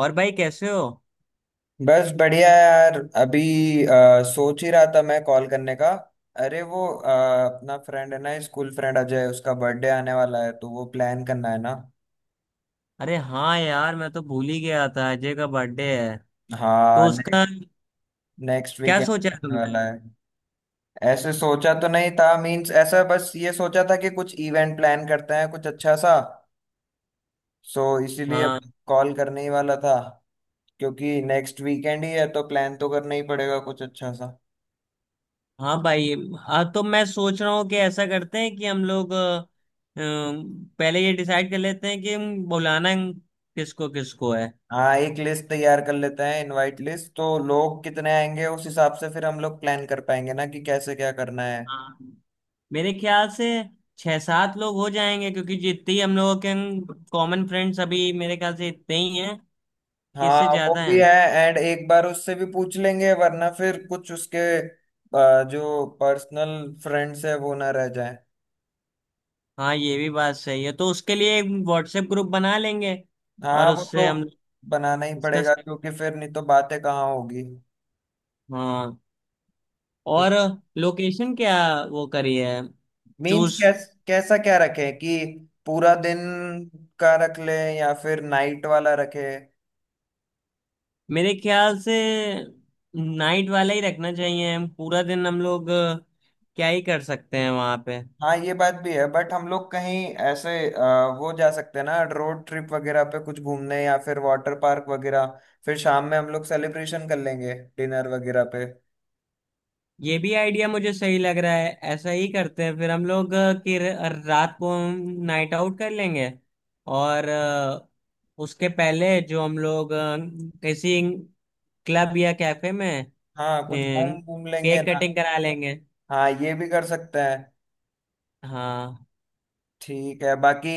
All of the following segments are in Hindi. और भाई कैसे हो? बस बढ़िया यार। अभी सोच ही रहा था मैं कॉल करने का। अरे वो अपना फ्रेंड है ना, स्कूल फ्रेंड अजय, उसका बर्थडे आने वाला है तो वो प्लान करना है ना। अरे हाँ यार मैं तो भूल ही गया था। अजय का बर्थडे है। तो हाँ ने, उसका नेक्स्ट क्या वीकेंड सोचा है आने तुमने? वाला है। ऐसे सोचा तो नहीं था, मींस ऐसा बस ये सोचा था कि कुछ इवेंट प्लान करते हैं कुछ अच्छा सा। सो इसीलिए हाँ। कॉल करने ही वाला था क्योंकि नेक्स्ट वीकेंड ही है तो प्लान तो करना ही पड़ेगा कुछ अच्छा सा। हाँ भाई। हाँ तो मैं सोच रहा हूँ कि ऐसा करते हैं कि हम लोग पहले ये डिसाइड कर लेते हैं कि हम बुलाना किसको किसको है। हाँ, एक लिस्ट तैयार कर लेते हैं, इनवाइट लिस्ट, तो लोग कितने आएंगे उस हिसाब से फिर हम लोग प्लान कर पाएंगे ना कि कैसे क्या करना है। हाँ। मेरे ख्याल से छह सात लोग हो जाएंगे क्योंकि जितने ही हम लोगों के कॉमन फ्रेंड्स अभी मेरे ख्याल से इतने ही हैं, कि हाँ इससे वो ज्यादा भी हैं। है। एंड एक बार उससे भी पूछ लेंगे वरना फिर कुछ उसके जो पर्सनल फ्रेंड्स है वो ना रह जाए। हाँ ये भी बात सही है। तो उसके लिए एक व्हाट्सएप ग्रुप बना लेंगे और हाँ वो तो उससे हम बनाना ही डिस्कस। पड़ेगा क्योंकि फिर नहीं तो बातें कहाँ होगी। हाँ। तो और लोकेशन क्या वो करी है। Means choose. कैसा क्या रखें कि पूरा दिन का रख लें या फिर नाइट वाला रखें। मेरे ख्याल से नाइट वाला ही रखना चाहिए। हम पूरा दिन हम लोग क्या ही कर सकते हैं वहां पे। हाँ ये बात भी है बट हम लोग कहीं ऐसे वो जा सकते हैं ना, रोड ट्रिप वगैरह पे कुछ घूमने या फिर वाटर पार्क वगैरह। फिर शाम में हम लोग सेलिब्रेशन कर लेंगे, डिनर वगैरह पे। ये भी आइडिया मुझे सही लग रहा है। ऐसा ही करते हैं फिर हम लोग कि रात को नाइट आउट कर लेंगे। और उसके पहले जो हम लोग किसी क्लब या कैफे में हाँ कुछ घूम घूम लेंगे केक ना। कटिंग करा लेंगे। हाँ ये भी कर सकते हैं। हाँ। ठीक है बाकी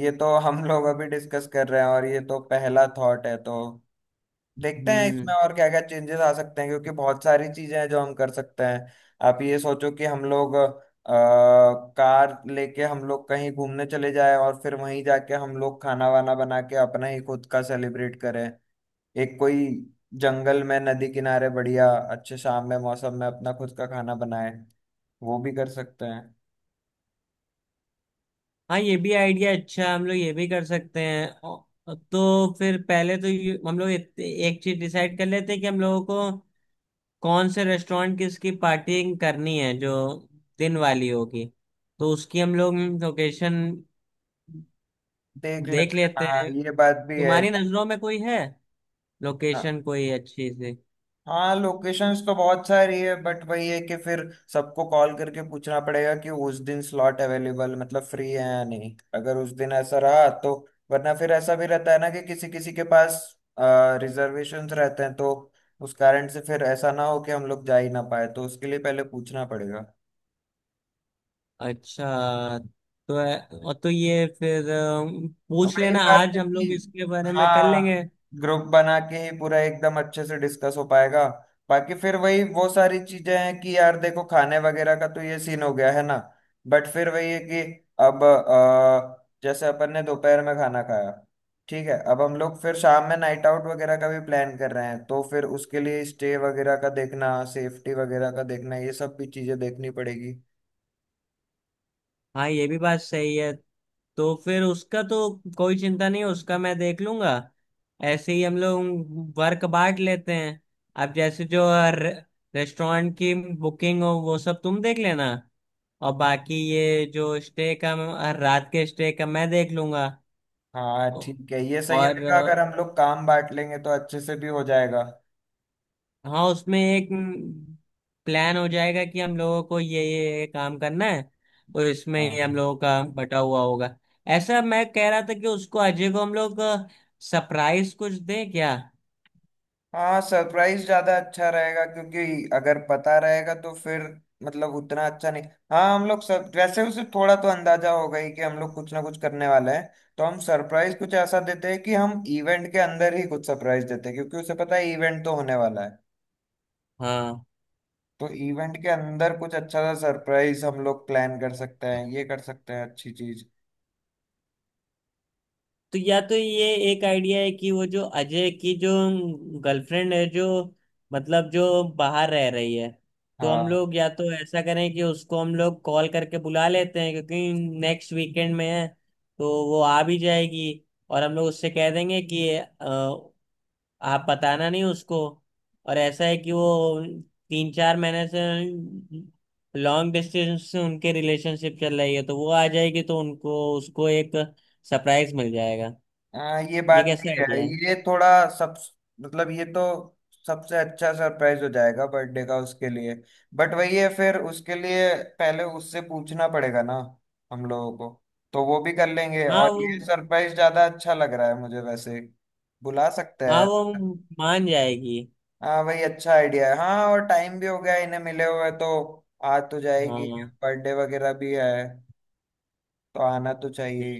ये तो हम लोग अभी डिस्कस कर रहे हैं और ये तो पहला थॉट है, तो देखते हैं इसमें हम्म। और क्या क्या चेंजेस आ सकते हैं क्योंकि बहुत सारी चीजें हैं जो हम कर सकते हैं। आप ये सोचो कि हम लोग कार लेके हम लोग कहीं घूमने चले जाएं और फिर वहीं जाके हम लोग खाना वाना बना के अपना ही खुद का सेलिब्रेट करें। एक कोई जंगल में नदी किनारे बढ़िया अच्छे शाम में मौसम में अपना खुद का खाना बनाएं, वो भी कर सकते हैं। हाँ ये भी आइडिया अच्छा है, हम लोग ये भी कर सकते हैं। तो फिर पहले तो हम लोग एक एक चीज डिसाइड कर लेते हैं कि हम लोगों को कौन से रेस्टोरेंट की इसकी पार्टी करनी है जो दिन वाली होगी। तो उसकी हम लोग लोकेशन देख देख लेते हैं, लेते हाँ हैं। ये बात भी है। तुम्हारी नजरों में कोई है हाँ। लोकेशन कोई अच्छी सी? हाँ लोकेशंस तो बहुत सारी है बट वही है कि फिर सबको कॉल करके पूछना पड़ेगा कि उस दिन स्लॉट अवेलेबल मतलब फ्री है या नहीं। अगर उस दिन ऐसा रहा तो वरना फिर ऐसा भी रहता है ना कि किसी किसी के पास रिजर्वेशंस रहते हैं तो उस कारण से फिर ऐसा ना हो कि हम लोग जा ही ना पाए, तो उसके लिए पहले पूछना पड़ेगा। अच्छा। तो और तो ये फिर पूछ वही लेना बात आज है हम कि लोग इसके बारे में कर हाँ, लेंगे। ग्रुप बना के ही पूरा एकदम अच्छे से डिस्कस हो पाएगा। बाकी फिर वही वो सारी चीजें हैं कि यार देखो खाने वगैरह का तो ये सीन हो गया है ना बट फिर वही है कि अब जैसे अपन ने दोपहर में खाना खाया। ठीक है अब हम लोग फिर शाम में नाइट आउट वगैरह का भी प्लान कर रहे हैं तो फिर उसके लिए स्टे वगैरह का देखना, सेफ्टी वगैरह का देखना, ये सब भी चीजें देखनी पड़ेगी। हाँ ये भी बात सही है। तो फिर उसका तो कोई चिंता नहीं है। उसका मैं देख लूंगा। ऐसे ही हम लोग वर्क बांट लेते हैं। अब जैसे जो रे, रेस्टोरेंट की बुकिंग हो वो सब तुम देख लेना। और बाकी ये जो स्टे का रात के स्टे का मैं देख लूंगा। हाँ ठीक है ये सही रहेगा अगर और हम लोग काम बांट लेंगे तो अच्छे से भी हो जाएगा। हाँ उसमें एक प्लान हो जाएगा कि हम लोगों को ये काम करना है और इसमें हाँ। ये हम लोगों का बटा हुआ होगा। ऐसा मैं कह रहा था कि उसको अजय को हम लोग सरप्राइज कुछ दें क्या? हाँ सरप्राइज ज्यादा अच्छा रहेगा क्योंकि अगर पता रहेगा तो फिर मतलब उतना अच्छा नहीं। हाँ हम लोग सब वैसे उसे थोड़ा तो अंदाजा होगा ही कि हम लोग कुछ ना कुछ करने वाले हैं, तो हम सरप्राइज कुछ ऐसा देते हैं कि हम इवेंट के अंदर ही कुछ सरप्राइज देते हैं क्योंकि उसे पता है इवेंट तो होने वाला है। हाँ। तो इवेंट के अंदर कुछ अच्छा सा सरप्राइज हम लोग प्लान कर सकते हैं, ये कर सकते हैं अच्छी चीज। तो या तो ये एक आइडिया है कि वो जो अजय की जो गर्लफ्रेंड है, जो मतलब जो बाहर रह रही है, तो हम हाँ। लोग या तो ऐसा करें कि उसको हम लोग कॉल करके बुला लेते हैं क्योंकि नेक्स्ट वीकेंड में है तो वो आ भी जाएगी और हम लोग उससे कह देंगे कि आप बताना नहीं उसको। और ऐसा है कि वो 3-4 महीने से लॉन्ग डिस्टेंस से उनके रिलेशनशिप चल रही है तो वो आ जाएगी, तो उनको उसको एक सरप्राइज मिल जाएगा। हाँ ये ये बात कैसा भी है, आइडिया है? ये थोड़ा सब मतलब ये तो सबसे अच्छा सरप्राइज हो जाएगा बर्थडे का उसके लिए। बट वही है फिर उसके लिए पहले उससे पूछना पड़ेगा ना हम लोगों को। तो वो भी कर लेंगे हाँ और वो। ये सरप्राइज ज्यादा अच्छा लग रहा है मुझे वैसे, बुला सकते हाँ हैं। वो मान जाएगी। हाँ वही अच्छा आइडिया है, हाँ और टाइम भी हो गया इन्हें मिले हुए तो आ तो जाएगी। हाँ। बर्थडे वगैरह भी है तो आना तो चाहिए।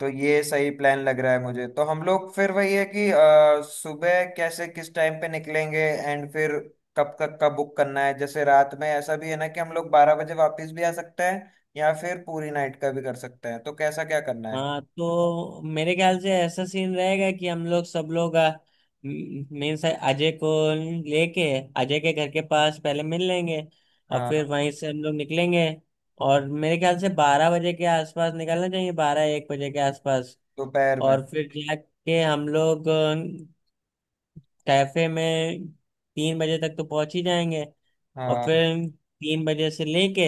तो ये सही प्लान लग रहा है मुझे तो हम लोग फिर वही है कि सुबह कैसे किस टाइम पे निकलेंगे एंड फिर कब तक का बुक करना है जैसे रात में ऐसा भी है ना कि हम लोग 12 बजे वापस भी आ सकते हैं या फिर पूरी नाइट का भी कर सकते हैं तो कैसा क्या करना है। हाँ तो मेरे ख्याल से ऐसा सीन रहेगा कि हम लोग सब लोग मीन्स अजय को लेके अजय के घर के पास पहले मिल लेंगे। और फिर हाँ वहीं से हम लोग निकलेंगे। और मेरे ख्याल से 12 बजे के आसपास निकलना चाहिए। 12-1 बजे के आसपास। दोपहर में। और फिर जाके हम लोग कैफे में 3 बजे तक तो पहुंच ही जाएंगे। और हाँ। फिर 3 बजे से लेके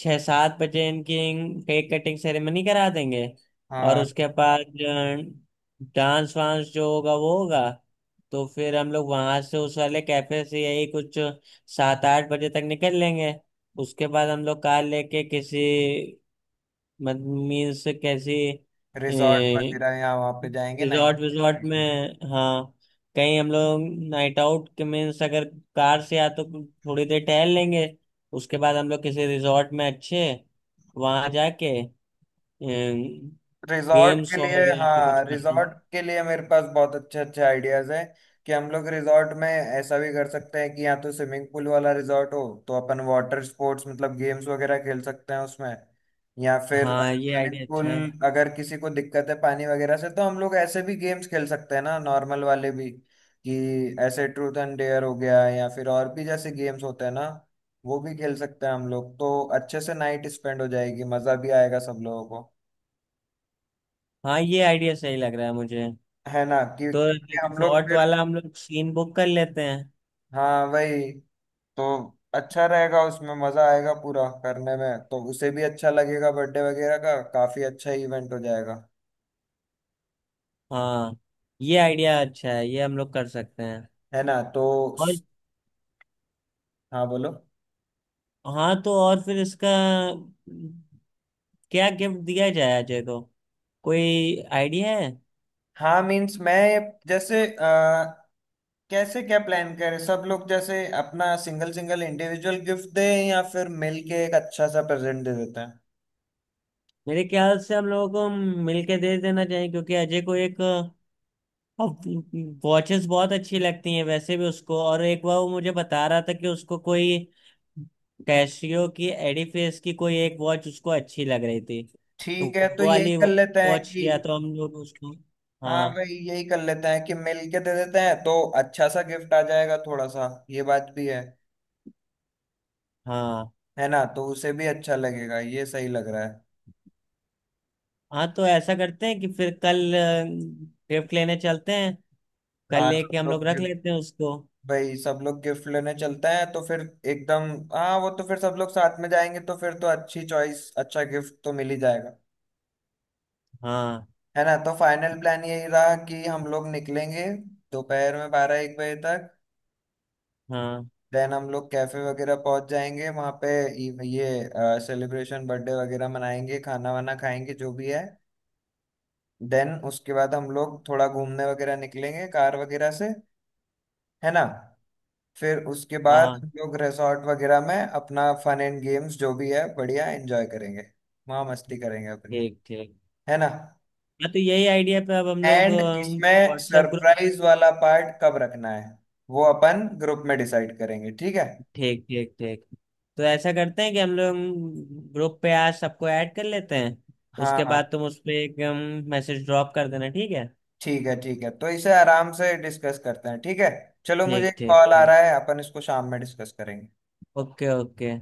6-7 बजे इनकी केक कटिंग सेरेमनी करा देंगे। और हाँ उसके बाद डांस वांस जो होगा वो होगा। तो फिर हम लोग वहां से उस वाले कैफे से यही कुछ 7-8 बजे तक निकल लेंगे। उसके बाद हम लोग कार लेके किसी मतलब मीन्स कैसी रिजॉर्ट वगैरह यहाँ वहाँ पे जाएंगे नाइट। रिजॉर्ट विजॉर्ट में। हाँ। कहीं हम लोग नाइट आउट के मीन्स अगर कार से या तो थोड़ी देर टहल लेंगे। उसके बाद हम लोग किसी रिजॉर्ट में अच्छे वहां जाके रिजॉर्ट के गेम्स लिए और ये तो कुछ हाँ, करते हैं। रिजॉर्ट के लिए मेरे पास बहुत अच्छे अच्छे आइडियाज हैं कि हम लोग रिजॉर्ट में ऐसा भी कर सकते हैं कि या तो स्विमिंग पूल वाला रिजॉर्ट हो तो अपन वाटर स्पोर्ट्स मतलब गेम्स वगैरह खेल सकते हैं उसमें। या फिर हाँ अगर ये स्विमिंग आइडिया पूल अच्छा है। अगर किसी को दिक्कत है पानी वगैरह से तो हम लोग ऐसे भी गेम्स खेल सकते हैं ना नॉर्मल वाले भी, कि ऐसे ट्रूथ एंड डेयर हो गया या फिर और भी जैसे गेम्स होते हैं ना, वो भी खेल सकते हैं हम लोग तो। अच्छे से नाइट स्पेंड हो जाएगी मजा भी आएगा सब लोगों को, हाँ ये आइडिया सही लग रहा है मुझे। है ना, कि तो क्योंकि हम लोग रिजॉर्ट फिर वाला हम लोग सीन बुक कर लेते हैं। हाँ वही। तो अच्छा रहेगा, उसमें मजा आएगा पूरा करने में तो उसे भी अच्छा लगेगा बर्थडे वगैरह का काफी अच्छा इवेंट हो जाएगा। हाँ ये आइडिया अच्छा है। ये हम लोग कर सकते हैं। है ना तो और स- हाँ बोलो। हाँ तो और फिर इसका क्या गिफ्ट दिया जाए अजय को? कोई आइडिया है? हाँ मीन्स मैं जैसे कैसे क्या प्लान करें सब लोग, जैसे अपना सिंगल सिंगल इंडिविजुअल गिफ्ट दें या फिर मिलके एक अच्छा सा प्रेजेंट दे देते हैं। मेरे ख्याल से हम लोगों को मिलके दे देना चाहिए क्योंकि अजय को एक वॉचेस बहुत अच्छी लगती हैं वैसे भी उसको। और एक बार वो मुझे बता रहा था कि उसको कोई कैशियो की एडिफेस की कोई एक वॉच उसको अच्छी लग रही थी। तो ठीक है तो वो यही वाली कर लेते हैं वॉच कि या तो हम लोग उसको। हाँ हाँ। भाई यही कर लेते हैं कि मिल के दे देते हैं तो अच्छा सा गिफ्ट आ जाएगा, थोड़ा सा ये बात भी है हाँ। है ना, तो उसे भी अच्छा लगेगा ये सही लग रहा है। हाँ तो ऐसा करते हैं कि फिर कल गिफ्ट लेने चलते हैं। कल हाँ लेके सब हम लोग लोग रख गिफ्ट, लेते हैं उसको। भाई सब लोग गिफ्ट लेने चलते हैं तो फिर एकदम, हाँ वो तो फिर सब लोग साथ में जाएंगे तो फिर तो अच्छी चॉइस अच्छा गिफ्ट तो मिल ही जाएगा। हाँ। है ना तो फाइनल प्लान यही रहा कि हम लोग निकलेंगे दोपहर में 12-1 बजे तक, हाँ। देन हम लोग कैफे वगैरह पहुंच जाएंगे वहां पे, ये सेलिब्रेशन बर्थडे वगैरह मनाएंगे खाना वाना खाएंगे जो भी है। देन उसके बाद हम लोग थोड़ा घूमने वगैरह निकलेंगे कार वगैरह से, है ना, फिर उसके बाद हाँ। हम लोग रिसॉर्ट वगैरह में अपना फन एंड गेम्स जो भी है बढ़िया एंजॉय करेंगे, वहाँ मस्ती करेंगे अपनी, ठीक ठीक। है ना, हाँ तो यही आइडिया पे अब हम लोग एंड इसमें व्हाट्सएप ग्रुप। सरप्राइज वाला पार्ट कब रखना है वो अपन ग्रुप में डिसाइड करेंगे, ठीक है। ठीक ठीक ठीक। तो ऐसा करते हैं कि हम लोग ग्रुप पे आज सबको ऐड कर लेते हैं। हाँ। उसके बाद हाँ। तुम उस पे एक मैसेज ड्रॉप कर देना, ठीक है? ठीक है तो इसे आराम से डिस्कस करते हैं ठीक है। चलो मुझे ठीक एक ठीक कॉल आ रहा ठीक। है, अपन इसको शाम में डिस्कस करेंगे। Okay okay.